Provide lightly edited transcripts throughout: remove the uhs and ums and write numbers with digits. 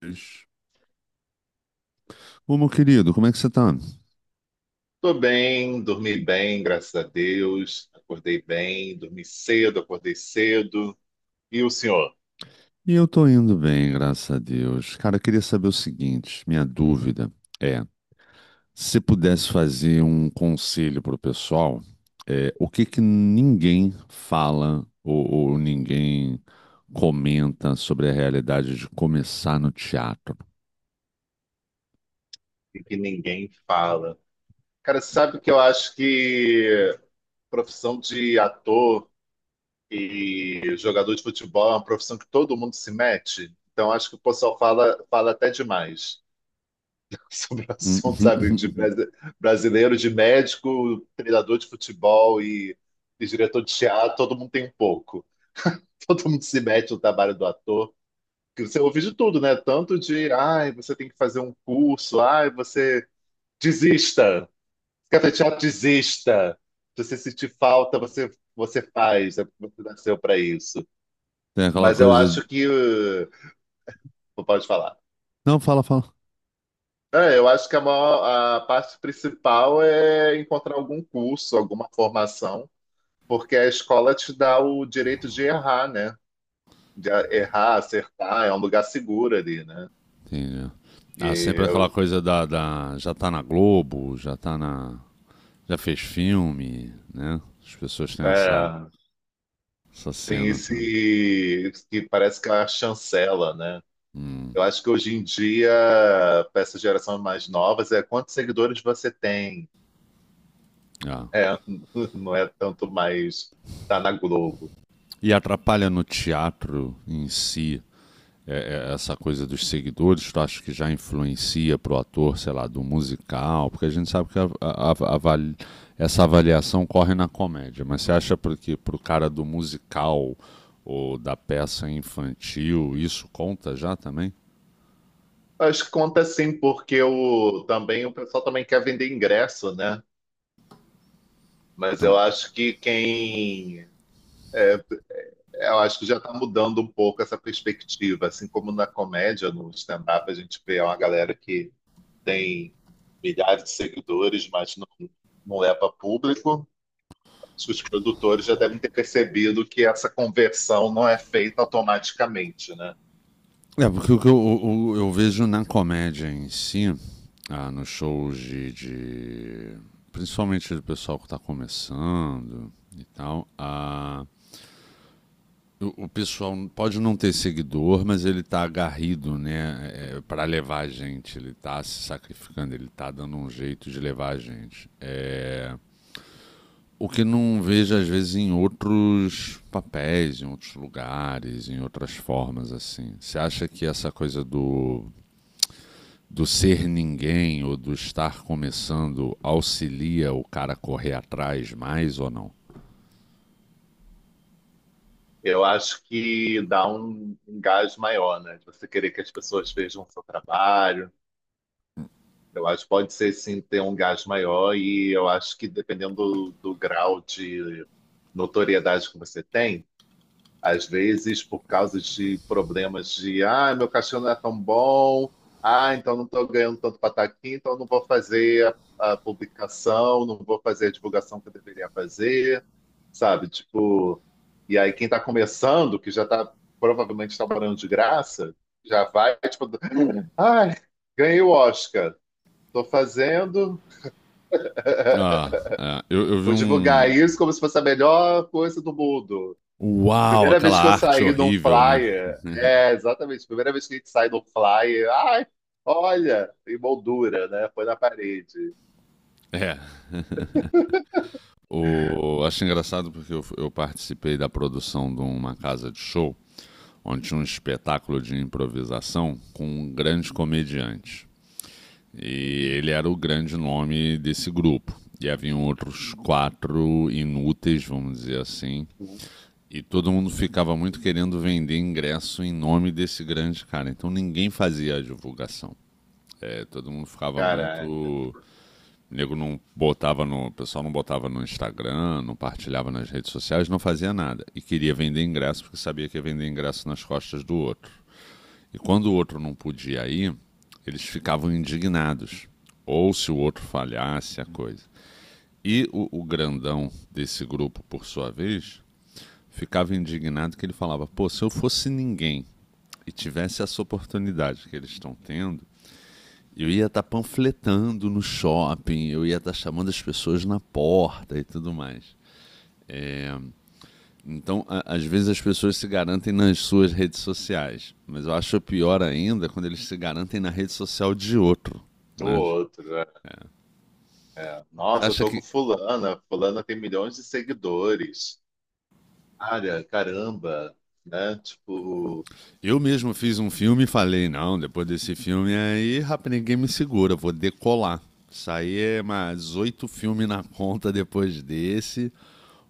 Deus. Ô, meu querido, como é que você tá? Tô bem, dormi bem, graças a Deus. Acordei bem, dormi cedo, acordei cedo. E o senhor? E eu tô indo bem, graças a Deus. Cara, eu queria saber o seguinte, minha dúvida é, se pudesse fazer um conselho pro pessoal, o que que ninguém fala ou ninguém comenta sobre a realidade de começar no teatro? E que ninguém fala. Cara, sabe que eu acho que profissão de ator e jogador de futebol é uma profissão que todo mundo se mete? Então acho que o pessoal fala, fala até demais sobre o assunto, sabe? Brasileiro, de médico, treinador de futebol e diretor de teatro, todo mundo tem um pouco. Todo mundo se mete no trabalho do ator. Que você ouve de tudo, né? Tanto de, ai, você tem que fazer um curso, ai, você desista, café teatro, desista. Se você sentir falta, você faz, é porque você nasceu para isso. Tem aquela Mas eu coisa. acho que. Pode falar. Não, fala, fala. É, eu acho que maior, a parte principal é encontrar algum curso, alguma formação, porque a escola te dá o direito de errar, né? De errar, acertar, é um lugar seguro ali, né? Entendi. E Ah, sempre aquela eu, coisa da. Já tá na Globo, já tá na. Já fez filme, né? As pessoas têm essa, é, essa Tem cena, tá? esse que parece que é a chancela, né? Hum, Eu acho que hoje em dia, para essa geração mais novas, é quantos seguidores você tem. ah. É, não é tanto mais tá na Globo. E atrapalha no teatro em si é essa coisa dos seguidores? Tu acha que já influencia pro ator, sei lá, do musical? Porque a gente sabe que essa avaliação corre na comédia, mas você acha porque pro cara do musical ou da peça infantil isso conta já também? Acho que conta sim, porque o, também o pessoal também quer vender ingresso, né? Mas Então. eu acho que quem. é, eu acho que já está mudando um pouco essa perspectiva. Assim como na comédia, no stand-up, a gente vê uma galera que tem milhares de seguidores, mas não leva público. Acho que os produtores já devem ter percebido que essa conversão não é feita automaticamente, né? É, porque o que eu, eu vejo na comédia em si, ah, nos shows principalmente do pessoal que está começando e tal, ah, o pessoal pode não ter seguidor, mas ele está agarrido, né, para levar a gente. Ele está se sacrificando, ele está dando um jeito de levar a gente. É, o que não vejo, às vezes, em outros papéis, em outros lugares, em outras formas, assim. Você acha que essa coisa do ser ninguém ou do estar começando auxilia o cara a correr atrás mais ou não? Eu acho que dá um gás maior, né? De você querer que as pessoas vejam o seu trabalho. Eu acho que pode ser sim ter um gás maior, e eu acho que dependendo do grau de notoriedade que você tem, às vezes, por causa de problemas de, ah, meu cachorro não é tão bom, ah, então não estou ganhando tanto para estar aqui, então não vou fazer a publicação, não vou fazer a divulgação que eu deveria fazer, sabe? Tipo, e aí quem está começando, que já está provavelmente trabalhando de graça, já vai, tipo, ai, ganhei o Oscar, estou fazendo, Ah, é, eu vi vou divulgar um. isso como se fosse a melhor coisa do mundo. Uau, Primeira aquela vez que eu arte saí de um horrível, né? flyer, é, exatamente, primeira vez que a gente sai de um flyer, ai, olha, emoldura, né? Foi na parede. É. O, acho engraçado porque eu participei da produção de uma casa de show onde tinha um espetáculo de improvisação com um grande comediante. E Uhum, ele era o grande nome desse grupo. E haviam outros quatro inúteis, vamos dizer assim. uhum. E todo mundo ficava muito querendo vender ingresso em nome desse grande cara. Então ninguém fazia a divulgação. É, todo mundo ficava muito. Caraca, O nego não botava no. O pessoal não botava no Instagram, não partilhava nas redes sociais, não fazia nada. E queria vender ingresso porque sabia que ia vender ingresso nas costas do outro. E quando o outro não podia ir, eles ficavam indignados. Ou se o outro falhasse a coisa. E o grandão desse grupo, por sua vez, ficava indignado que ele falava: pô, se eu fosse ninguém e tivesse essa oportunidade que eles estão tendo, eu ia estar tá panfletando no shopping, eu ia estar tá chamando as pessoas na porta e tudo mais. É, então, às vezes as pessoas se garantem nas suas redes sociais, mas eu acho pior ainda quando eles se garantem na rede social de outro. tô Né? outro. É. É. É, Você nossa, eu acha tô com que... fulana, fulana tem milhões de seguidores. Olha, caramba, né? Tipo, Eu mesmo fiz um filme e falei: não, depois desse filme aí, rapaz, ninguém me segura, vou decolar. Saí mais oito filmes na conta depois desse,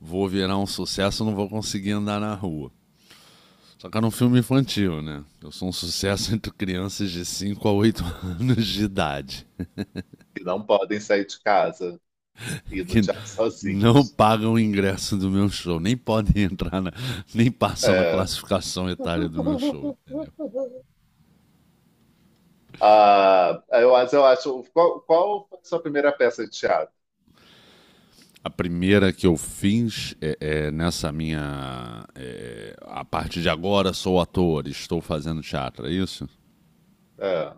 vou virar um sucesso, não vou conseguir andar na rua. Só que era um filme infantil, né? Eu sou um sucesso entre crianças de 5 a 8 anos de idade, que não podem sair de casa e ir no que teatro não sozinhos. pagam o ingresso do meu show, nem podem entrar, nem passam na É. classificação etária do meu show. Mas eu acho. Qual, qual foi a sua primeira peça de teatro? A primeira que eu fiz. É, é, nessa minha A partir de agora sou ator, estou fazendo teatro, é isso? É.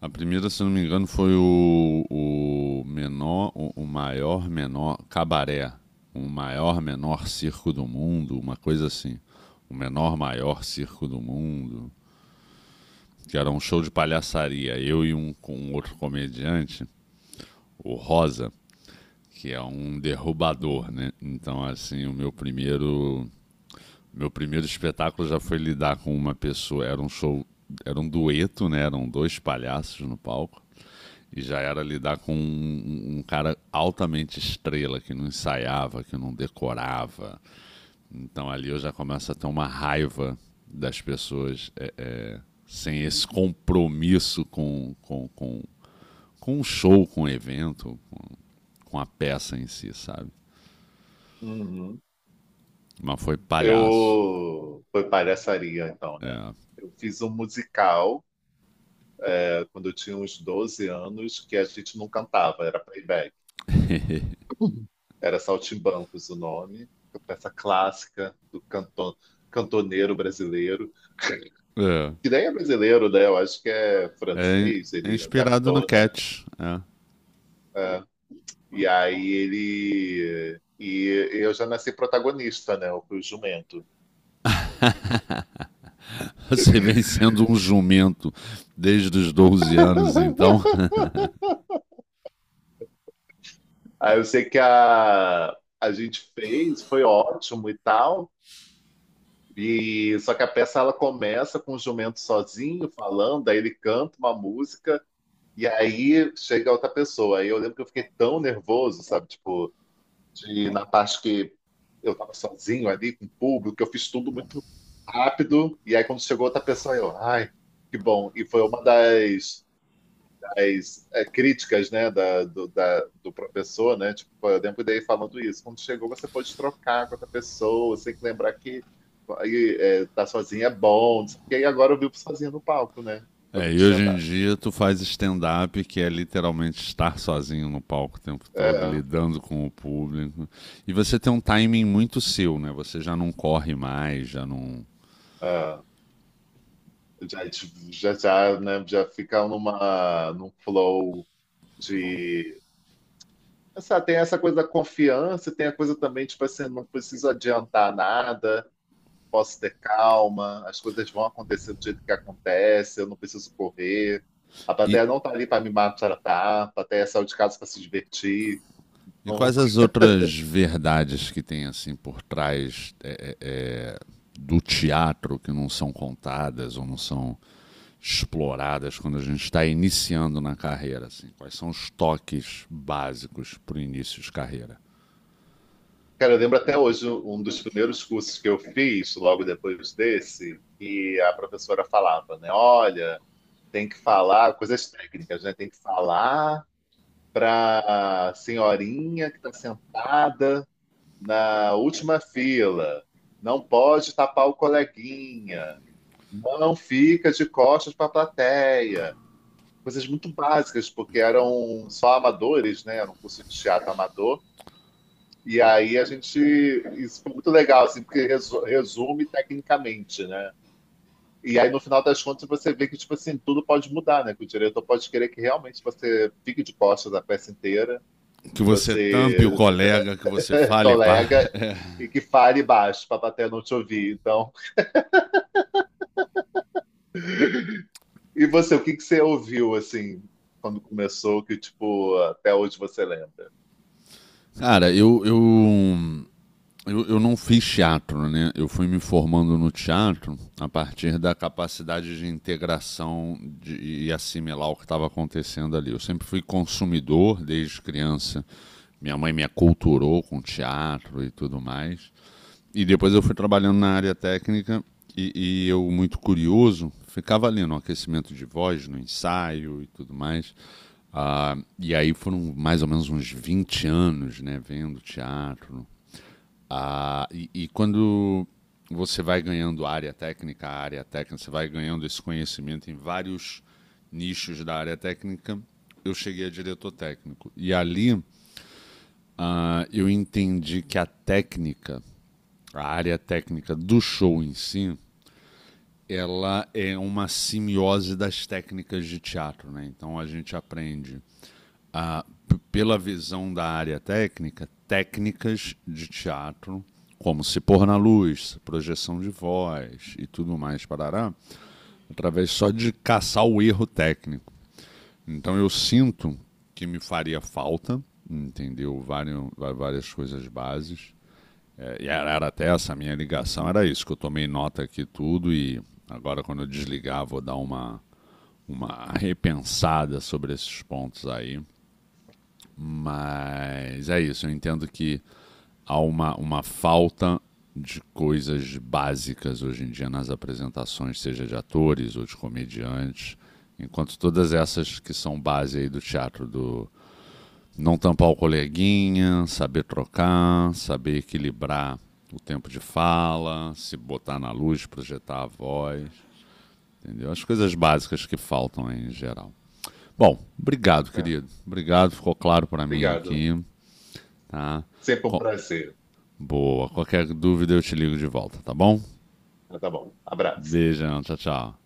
A primeira, se não me engano, foi o menor, o maior menor cabaré, o maior menor circo do mundo, uma coisa assim, o menor maior circo do mundo, que era um show de palhaçaria, eu e com um outro comediante, o Rosa, que é um derrubador, né? Então, assim, o meu primeiro Meu primeiro espetáculo já foi lidar com uma pessoa, era um show, era um dueto, né? Eram dois palhaços no palco. E já era lidar com um cara altamente estrela, que não ensaiava, que não decorava. Então ali eu já começo a ter uma raiva das pessoas, sem esse compromisso com o show, com o evento, com a peça em si, sabe? Uhum. Mas foi palhaço. Eu foi palhaçaria, então, né? É. Eu fiz um musical quando eu tinha uns 12 anos que a gente não cantava, era playback. Era Saltimbancos o nome, uma peça clássica do cantoneiro brasileiro, É. que nem é brasileiro, né? Eu acho que é É francês, ele inspirado no adaptou, né? Cat. É. É. E aí ele. E eu já nasci protagonista, né? Eu fui o jumento. Você vem sendo um jumento desde os 12 anos, então. Aí eu sei que a gente fez, foi ótimo e tal. E só que a peça ela começa com o jumento sozinho falando, aí ele canta uma música e aí chega outra pessoa. Aí eu lembro que eu fiquei tão nervoso, sabe? Tipo, de, na parte que eu tava sozinho ali com o público, eu fiz tudo muito rápido. E aí quando chegou outra pessoa, eu, ai, que bom. E foi uma das críticas, né, do professor, né? Tipo, eu lembro dele falando isso. Quando chegou, você pode trocar com outra pessoa, você tem que lembrar que aí, é, tá sozinho é bom. Não sei o quê. E agora eu vivo sozinho no palco, né? É, Fazendo e hoje em stand-up. dia tu faz stand-up, que é literalmente estar sozinho no palco o tempo todo, É, lidando com o público. E você tem um timing muito seu, né? Você já não corre mais, já não. é. Já, já, né, já fica numa, num flow de. Essa, tem essa coisa da confiança, tem a coisa também, tipo assim, não preciso adiantar nada. Posso ter calma, as coisas vão acontecer do jeito que acontece, eu não preciso correr. A E, plateia não tá ali para me maltratar, a plateia saiu de casa para se divertir. E Então, quais as outras verdades que tem assim por trás, do teatro, que não são contadas ou não são exploradas quando a gente está iniciando na carreira? Assim? Quais são os toques básicos para o início de carreira? cara, eu lembro até hoje um dos primeiros cursos que eu fiz, logo depois desse, e a professora falava, né? Olha, tem que falar coisas técnicas, né? Tem que falar para senhorinha que está sentada na última fila. Não pode tapar o coleguinha. Não fica de costas para a plateia. Coisas muito básicas, porque eram só amadores, né? Era um curso de teatro amador. E aí a gente. Isso foi muito legal, assim, porque resume tecnicamente, né? E aí, no final das contas, você vê que, tipo assim, tudo pode mudar, né? Que o diretor pode querer que realmente você fique de costas a peça inteira, Que que você tampe o você colega, que você fale, pá. colega e que fale baixo para a plateia não te ouvir. Então. E você, o que que você ouviu assim quando começou que tipo até hoje você lembra? Cara, eu não fiz teatro, né? Eu fui me formando no teatro a partir da capacidade de integração e assimilar o que estava acontecendo ali. Eu sempre fui consumidor desde criança. Minha mãe me aculturou com teatro e tudo mais. E depois eu fui trabalhando na área técnica, e eu, muito curioso, ficava ali no aquecimento de voz, no ensaio e tudo mais. Ah, e aí foram mais ou menos uns 20 anos, né, vendo teatro, ah, e quando você vai ganhando área técnica, você vai ganhando esse conhecimento em vários nichos da área técnica, eu cheguei a diretor técnico. E ali eu entendi que a técnica, a área técnica do show em si, ela é uma simiose das técnicas de teatro, né? Então a gente aprende, ah, pela visão da área técnica, técnicas de teatro, como se pôr na luz, projeção de voz e tudo mais, parará, através só de caçar o erro técnico. Então eu sinto que me faria falta, entendeu? Várias, várias coisas bases. É, e era até essa minha ligação, era isso, que eu tomei nota aqui tudo e agora quando eu desligar vou dar uma repensada sobre esses pontos aí, mas é isso, eu entendo que há uma falta de coisas básicas hoje em dia nas apresentações, seja de atores ou de comediantes. Enquanto todas essas que são base aí do teatro, do não tampar o coleguinha, saber trocar, saber equilibrar o tempo de fala, se botar na luz, projetar a voz, entendeu? As coisas básicas que faltam aí em geral. Bom, obrigado, É, querido. Obrigado, ficou claro para mim obrigado. aqui. Tá? Sempre um Co- prazer. Boa. Qualquer dúvida eu te ligo de volta, tá bom? Ah, tá bom. Abraço. Beijão, tchau, tchau.